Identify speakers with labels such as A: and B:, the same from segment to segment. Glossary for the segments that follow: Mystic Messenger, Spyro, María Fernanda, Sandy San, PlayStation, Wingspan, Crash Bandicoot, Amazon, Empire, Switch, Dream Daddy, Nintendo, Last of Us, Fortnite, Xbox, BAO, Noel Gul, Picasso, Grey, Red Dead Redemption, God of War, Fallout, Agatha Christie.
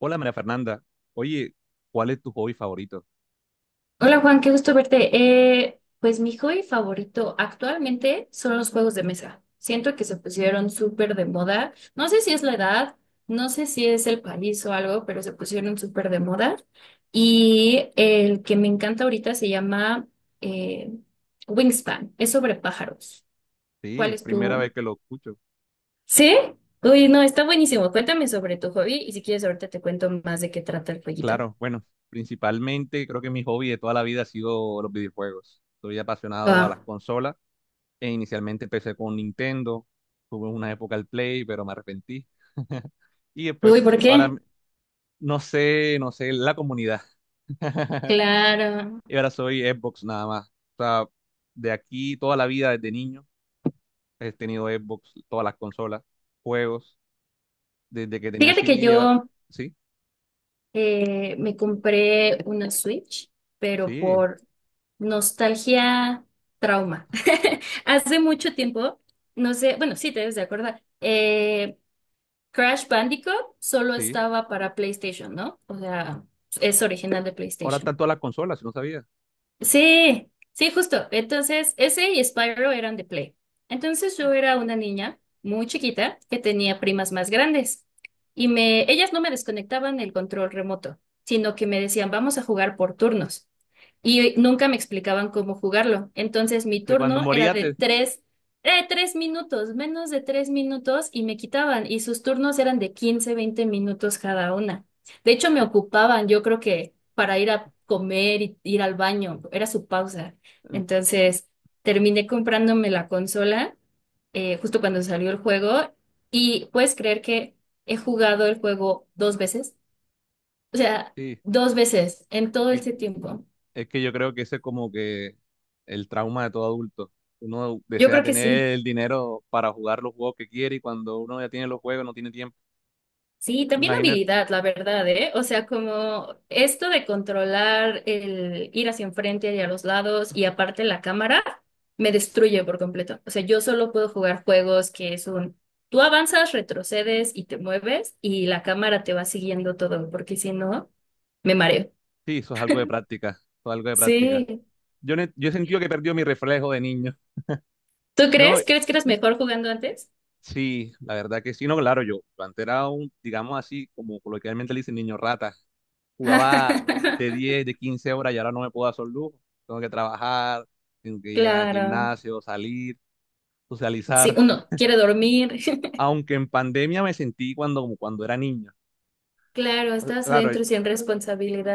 A: Hola María Fernanda, oye, ¿cuál es tu hobby favorito?
B: Hola Juan, qué gusto verte. Pues mi hobby favorito actualmente son los juegos de mesa. Siento que se pusieron súper de moda. No sé si es la edad, no sé si es el país o algo, pero se pusieron súper de moda. Y el que me encanta ahorita se llama eh, Wingspan. Es sobre pájaros. ¿Cuál
A: Sí,
B: es
A: primera
B: tu...?
A: vez que lo escucho.
B: ¿Sí? Uy, no, está buenísimo. Cuéntame sobre tu hobby y si quieres ahorita te cuento más de qué trata el jueguito.
A: Claro, bueno, principalmente creo que mi hobby de toda la vida ha sido los videojuegos. Soy apasionado a las
B: Ah,
A: consolas e inicialmente empecé con Nintendo, tuve una época al Play, pero me arrepentí. Y después,
B: uy, ¿por
A: ahora
B: qué?
A: m- no sé, la comunidad.
B: Claro.
A: Y ahora soy Xbox nada más. O sea, de aquí toda la vida desde niño he tenido Xbox, todas las consolas, juegos, desde que tenía
B: Fíjate que
A: CD, ahora-
B: yo
A: ¿sí?
B: me compré una Switch, pero
A: Sí,
B: por nostalgia, trauma. Hace mucho tiempo, no sé, bueno, sí te debes de acordar, Crash Bandicoot solo
A: sí.
B: estaba para PlayStation, ¿no? O sea, es original de
A: Ahora
B: PlayStation.
A: tanto a la consola, si no sabía.
B: Sí, sí, justo. Entonces, ese y Spyro eran de Play. Entonces, yo era una niña muy chiquita que tenía primas más grandes y me, ellas no me desconectaban el control remoto, sino que me decían, vamos a jugar por turnos y nunca me explicaban cómo jugarlo. Entonces
A: O
B: mi
A: sea, cuando
B: turno era
A: moría
B: de
A: te.
B: tres minutos, menos de 3 minutos y me quitaban y sus turnos eran de 15-20 minutos cada una. De hecho, me ocupaban, yo creo que para ir a comer y ir al baño, era su pausa. Entonces terminé comprándome la consola justo cuando salió el juego y puedes creer que he jugado el juego dos veces, o sea,
A: Sí,
B: dos veces en todo
A: y
B: ese tiempo.
A: es que yo creo que ese es como que el trauma de todo adulto. Uno
B: Yo
A: desea
B: creo que sí.
A: tener el dinero para jugar los juegos que quiere y cuando uno ya tiene los juegos no tiene tiempo.
B: Sí, también
A: Imagínate,
B: habilidad, la verdad, ¿eh? O sea, como esto de controlar el ir hacia enfrente y a los lados y aparte la cámara, me destruye por completo. O sea, yo solo puedo jugar juegos que es un, tú avanzas, retrocedes y te mueves y la cámara te va siguiendo todo, porque si no, me mareo.
A: sí, eso es algo de práctica, eso es algo de práctica.
B: Sí.
A: Yo he sentido que he perdido mi reflejo de niño,
B: ¿Tú
A: ¿no?
B: crees? ¿Crees que eres mejor jugando antes?
A: Sí, la verdad que sí, no, claro, yo antes era un, digamos así, como coloquialmente le dicen, niño rata. Jugaba de 10, de 15 horas y ahora no me puedo hacer lujo. Tengo que trabajar, tengo que ir al
B: Claro.
A: gimnasio, salir,
B: Sí,
A: socializar.
B: uno quiere dormir.
A: Aunque en pandemia me sentí cuando, como cuando era niño.
B: Claro, estás
A: Claro,
B: adentro sin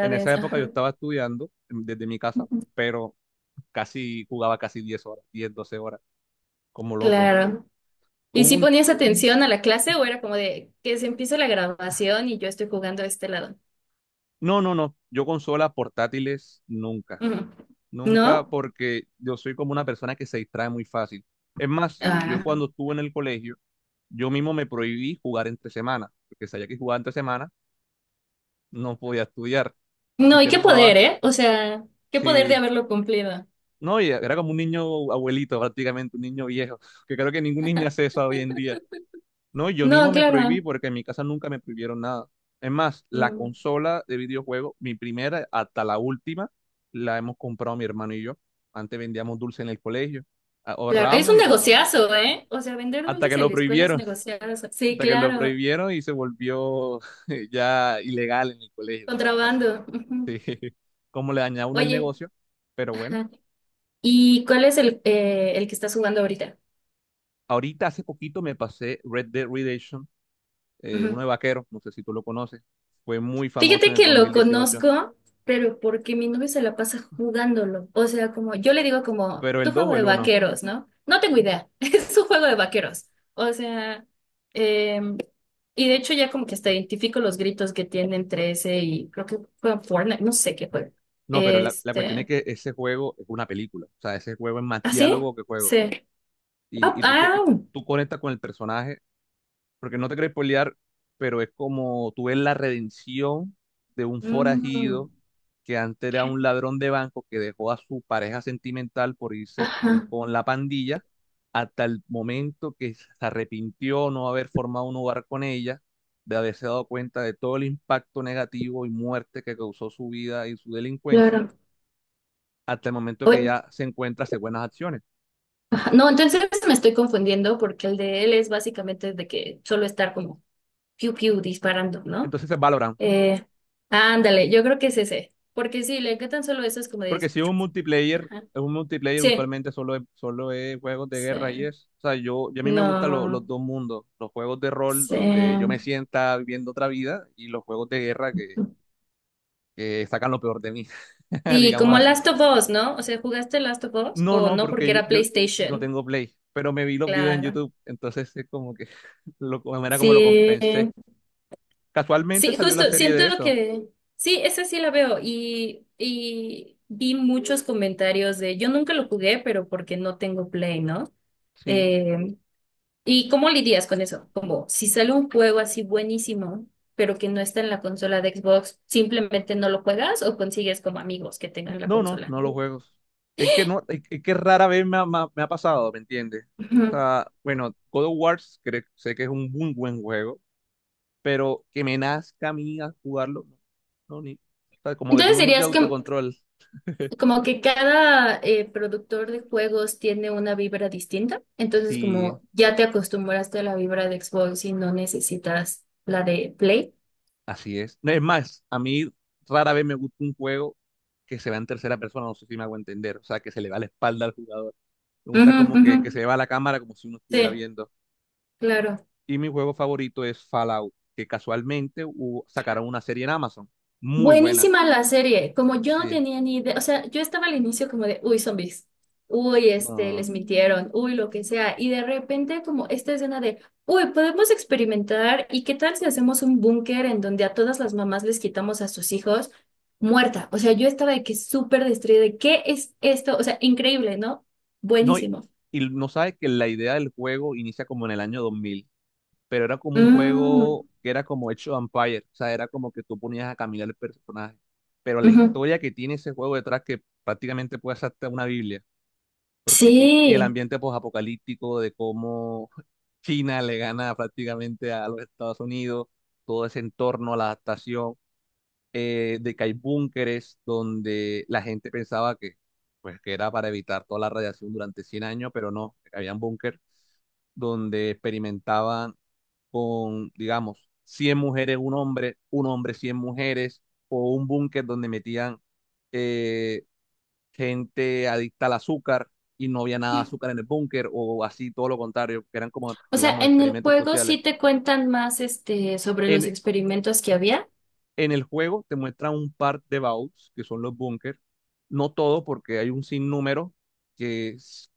A: en esa época yo
B: Ajá.
A: estaba estudiando desde mi casa, pero casi jugaba casi 10 horas, 10, 12 horas, como loco.
B: Claro. ¿Y
A: Hubo
B: si
A: un,
B: ponías atención a la clase o era como de que se empieza la grabación y yo estoy jugando a este lado?
A: no, no, no, yo consolas portátiles nunca.
B: Ujú.
A: Nunca,
B: ¿No?
A: porque yo soy como una persona que se distrae muy fácil. Es más, yo
B: Ah.
A: cuando estuve en el colegio, yo mismo me prohibí jugar entre semanas, porque sabía que jugaba entre semanas, no podía estudiar.
B: No, y
A: Entonces
B: qué poder,
A: jugaba,
B: ¿eh? O sea, qué poder de
A: sí,
B: haberlo cumplido.
A: no, y era como un niño abuelito prácticamente, un niño viejo, que creo que ningún niño hace eso hoy en día. No, yo
B: No,
A: mismo me prohibí
B: claro.
A: porque en mi casa nunca me prohibieron nada. Es más, la
B: Mm,
A: consola de videojuegos, mi primera hasta la última, la hemos comprado mi hermano y yo. Antes vendíamos dulce en el colegio,
B: claro. Es
A: ahorramos
B: un
A: y compramos.
B: negociazo, ¿eh? O sea, vender
A: Hasta
B: dulces
A: que
B: en
A: lo
B: la escuela es
A: prohibieron,
B: negociazo. Sí,
A: hasta que lo
B: claro.
A: prohibieron y se volvió ya ilegal en el colegio, digamos así.
B: Contrabando.
A: Sí,
B: Ujú.
A: como le dañaba uno el
B: Oye,
A: negocio, pero bueno.
B: ajá. ¿Y cuál es el que estás jugando ahorita?
A: Ahorita hace poquito me pasé Red Dead Redemption, uno
B: Ujú.
A: de vaqueros, no sé si tú lo conoces, fue muy famoso
B: Fíjate
A: en el
B: que lo
A: 2018,
B: conozco, pero porque mi novio se la pasa jugándolo. O sea, como yo le digo como,
A: pero el
B: tu
A: dos
B: juego
A: o
B: de
A: el uno.
B: vaqueros, ¿no? No tengo idea, es un juego de vaqueros. O sea, em, y de hecho ya como que hasta identifico los gritos que tiene entre ese y creo que juega Fortnite, no sé qué juega.
A: No, pero la cuestión es
B: Este,
A: que ese juego es una película, o sea, ese juego es más
B: ¿ah, sí?
A: diálogo que juego,
B: Sí.
A: y,
B: Ah,
A: y tú, te, y
B: ah,
A: tú conectas con el personaje porque no te querés spoilear, pero es como tú ves la redención de un
B: mm,
A: forajido que antes era un ladrón de banco que dejó a su pareja sentimental por irse
B: ajá,
A: con la pandilla hasta el momento que se arrepintió no haber formado un hogar con ella, de haberse dado cuenta de todo el impacto negativo y muerte que causó su vida y su delincuencia,
B: claro.
A: hasta el momento que
B: Oye,
A: ya se encuentra hace buenas acciones.
B: ajá, no, entonces me estoy confundiendo porque el de él es básicamente de que solo estar como piu piu disparando, ¿no?
A: Entonces es.
B: Eh, ándale, yo creo que es ese. Porque sí, le encantan solo eso, es como de.
A: Porque si es un multiplayer,
B: Ajá.
A: es un multiplayer
B: Sí,
A: usualmente solo es juegos de guerra y
B: sí,
A: es. O sea, yo a mí me gustan los
B: no,
A: dos mundos, los juegos de rol
B: sí.
A: donde yo me sienta viviendo otra vida y los juegos de guerra que sacan lo peor de mí,
B: Sí,
A: digamos
B: como
A: así.
B: Last of Us, ¿no? O sea, ¿jugaste Last of Us
A: No,
B: o
A: no,
B: no?
A: porque
B: Porque
A: yo,
B: era
A: yo no
B: PlayStation.
A: tengo Play, pero me vi los videos en
B: Claro.
A: YouTube, entonces es como que lo, de manera como lo
B: Sí,
A: compensé. Casualmente
B: sí,
A: salió la
B: justo,
A: serie
B: siento
A: de eso.
B: que sí, esa sí la veo y vi muchos comentarios de, yo nunca lo jugué, pero porque no tengo Play, ¿no?
A: Sí.
B: Eh, ¿Y cómo lidias con eso? Como si sale un juego así buenísimo, pero que no está en la consola de Xbox, ¿simplemente no lo juegas o consigues como amigos que tengan la
A: No, no,
B: consola?
A: no los juegos. Es que no, es que rara vez me ha pasado, ¿me entiendes? O
B: Ujú.
A: sea, bueno, God of War sé que es un muy buen juego, pero que me nazca a mí a jugarlo, no, no, ni. O sea, como que
B: Entonces
A: tengo mucho
B: dirías que
A: autocontrol.
B: como que cada productor de juegos tiene una vibra distinta, entonces
A: Sí,
B: como ya te acostumbraste a la vibra de Xbox y no necesitas la de Play.
A: así es. No, es más, a mí rara vez me gusta un juego que se va en tercera persona, no sé si me hago entender, o sea, que se le va la espalda al jugador. Me gusta
B: Ujú,
A: como
B: ujú.
A: que, se le va la cámara como si uno estuviera
B: Sí,
A: viendo.
B: claro.
A: Y mi juego favorito es Fallout, que casualmente sacaron una serie en Amazon. Muy buena.
B: Buenísima la serie, como yo no
A: Sí.
B: tenía ni idea, o sea, yo estaba al inicio como de, uy, zombies, uy, este,
A: No,
B: les mintieron, uy, lo que sea, y de repente como esta escena de, uy, podemos experimentar y qué tal si hacemos un búnker en donde a todas las mamás les quitamos a sus hijos muerta, o sea, yo estaba de que súper destruida, de, ¿qué es esto? O sea, increíble, ¿no?
A: no, y,
B: Buenísimo.
A: y no sabes que la idea del juego inicia como en el año 2000, pero era como un
B: Mm,
A: juego que era como hecho Empire. O sea, era como que tú ponías a caminar el personaje. Pero la
B: ujú.
A: historia que tiene ese juego detrás, que prácticamente puede ser hasta una Biblia. Porque, y el
B: Sí.
A: ambiente posapocalíptico de cómo China le gana prácticamente a los Estados Unidos, todo ese entorno, la adaptación. De que hay búnkeres donde la gente pensaba que, pues, que era para evitar toda la radiación durante 100 años, pero no, habían búnker donde experimentaban con, digamos, 100 mujeres, un hombre, 100 mujeres, o un búnker donde metían eh, gente adicta al azúcar y no había nada de azúcar en el búnker, o así, todo lo contrario, que eran como,
B: O sea,
A: digamos,
B: en el
A: experimentos
B: juego
A: sociales.
B: sí te cuentan más, este, sobre los
A: En,
B: experimentos que había.
A: En el juego te muestra un par de vaults, que son los búnkers. No todo, porque hay un sinnúmero que s-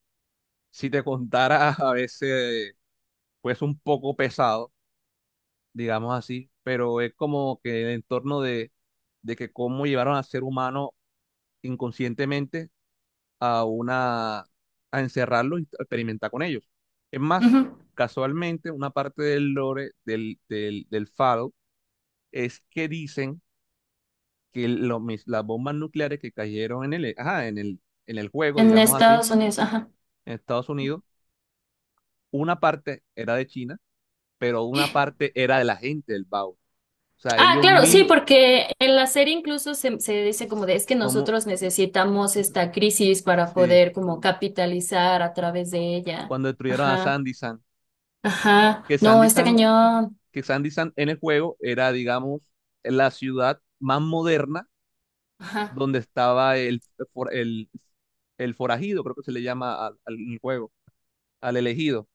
A: si te contara, a veces, pues un poco pesado, digamos así, pero es como que el entorno de que cómo llevaron al ser humano inconscientemente a una, a encerrarlo y experimentar con ellos. Es más,
B: Ujú.
A: casualmente, una parte del lore del Fallout es que dicen que las bombas nucleares que cayeron en el, ajá, en el juego,
B: En
A: digamos así,
B: Estados Unidos, ajá.
A: en Estados Unidos, una parte era de China, pero una parte era de la gente del BAO. O sea,
B: Ah,
A: ellos
B: claro, sí,
A: mismos,
B: porque en la serie incluso se dice como de es que
A: como,
B: nosotros necesitamos esta crisis para
A: sí,
B: poder como capitalizar a través de ella.
A: cuando destruyeron a
B: Ajá,
A: Sandy San,
B: ajá.
A: que
B: No,
A: Sandy
B: está
A: San,
B: cañón.
A: que Sandy San, en el juego era, digamos, la ciudad más moderna
B: Ajá.
A: donde estaba for- el, el forajido, creo que se le llama al, al juego, al elegido.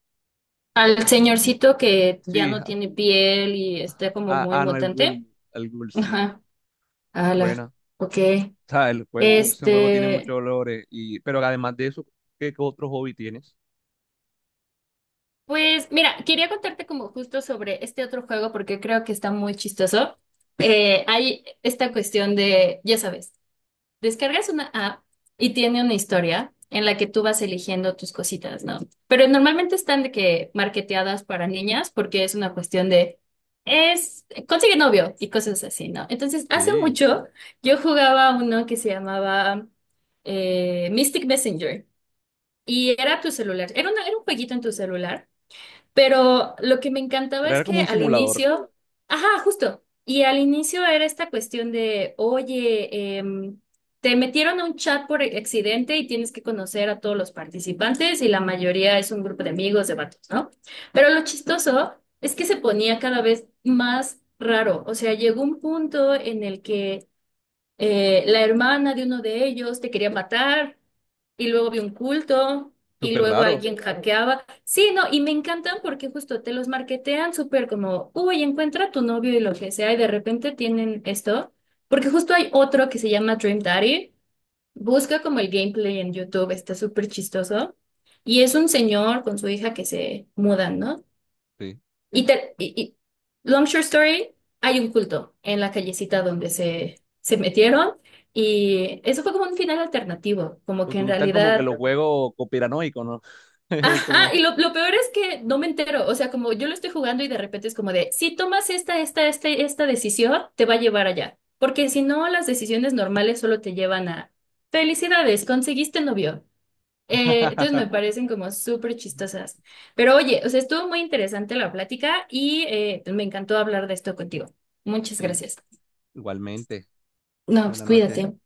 B: Al señorcito que ya
A: Sí,
B: no tiene piel y está como
A: a,
B: muy
A: a Noel Gul.
B: mutante. Ajá. Ala,
A: Buena. O
B: ok.
A: sea, el juego, ese juego tiene
B: Este.
A: muchos olores. Y, pero además de eso, ¿qué otro hobby tienes?
B: Pues mira, quería contarte como justo sobre este otro juego porque creo que está muy chistoso. Hay esta cuestión de, ya sabes, descargas una app y tiene una historia en la que tú vas eligiendo tus cositas, ¿no? Pero normalmente están de que marketeadas para niñas porque es una cuestión de, es, consigue novio y cosas así, ¿no? Entonces, hace
A: Sí.
B: mucho yo jugaba uno que se llamaba Mystic Messenger y era tu celular, era un jueguito en tu celular pero lo que me encantaba
A: Pero
B: es
A: era como
B: que
A: un
B: al
A: simulador.
B: inicio, ajá, justo, y al inicio era esta cuestión de, oye, te metieron a un chat por accidente y tienes que conocer a todos los participantes y la mayoría es un grupo de amigos, de vatos, ¿no? Pero lo chistoso es que se ponía cada vez más raro, o sea, llegó un punto en el que la hermana de uno de ellos te quería matar, y luego vi un culto, y
A: Súper
B: luego
A: raro.
B: alguien hackeaba. Sí, no, y me encantan porque justo te los marketean súper como, uy, encuentra a tu novio y lo que sea, y de repente tienen esto, porque justo hay otro que se llama Dream Daddy, busca como el gameplay en YouTube, está súper chistoso, y es un señor con su hija que se mudan, ¿no?
A: Sí.
B: Y long short story, hay un culto en la callecita donde se metieron y eso fue como un final alternativo, como que
A: Te
B: en
A: gustan como que
B: realidad...
A: los juegos conspiranoicos, ¿no?
B: Ajá,
A: Como.
B: y lo peor es que no me entero, o sea, como yo lo estoy jugando y de repente es como de, si tomas esta decisión, te va a llevar allá, porque si no, las decisiones normales solo te llevan a, felicidades, conseguiste novio. Entonces me parecen como súper chistosas. Pero oye, o sea, estuvo muy interesante la plática y me encantó hablar de esto contigo. Muchas
A: Sí,
B: gracias.
A: igualmente.
B: No, pues
A: Buenas noches.
B: cuídate.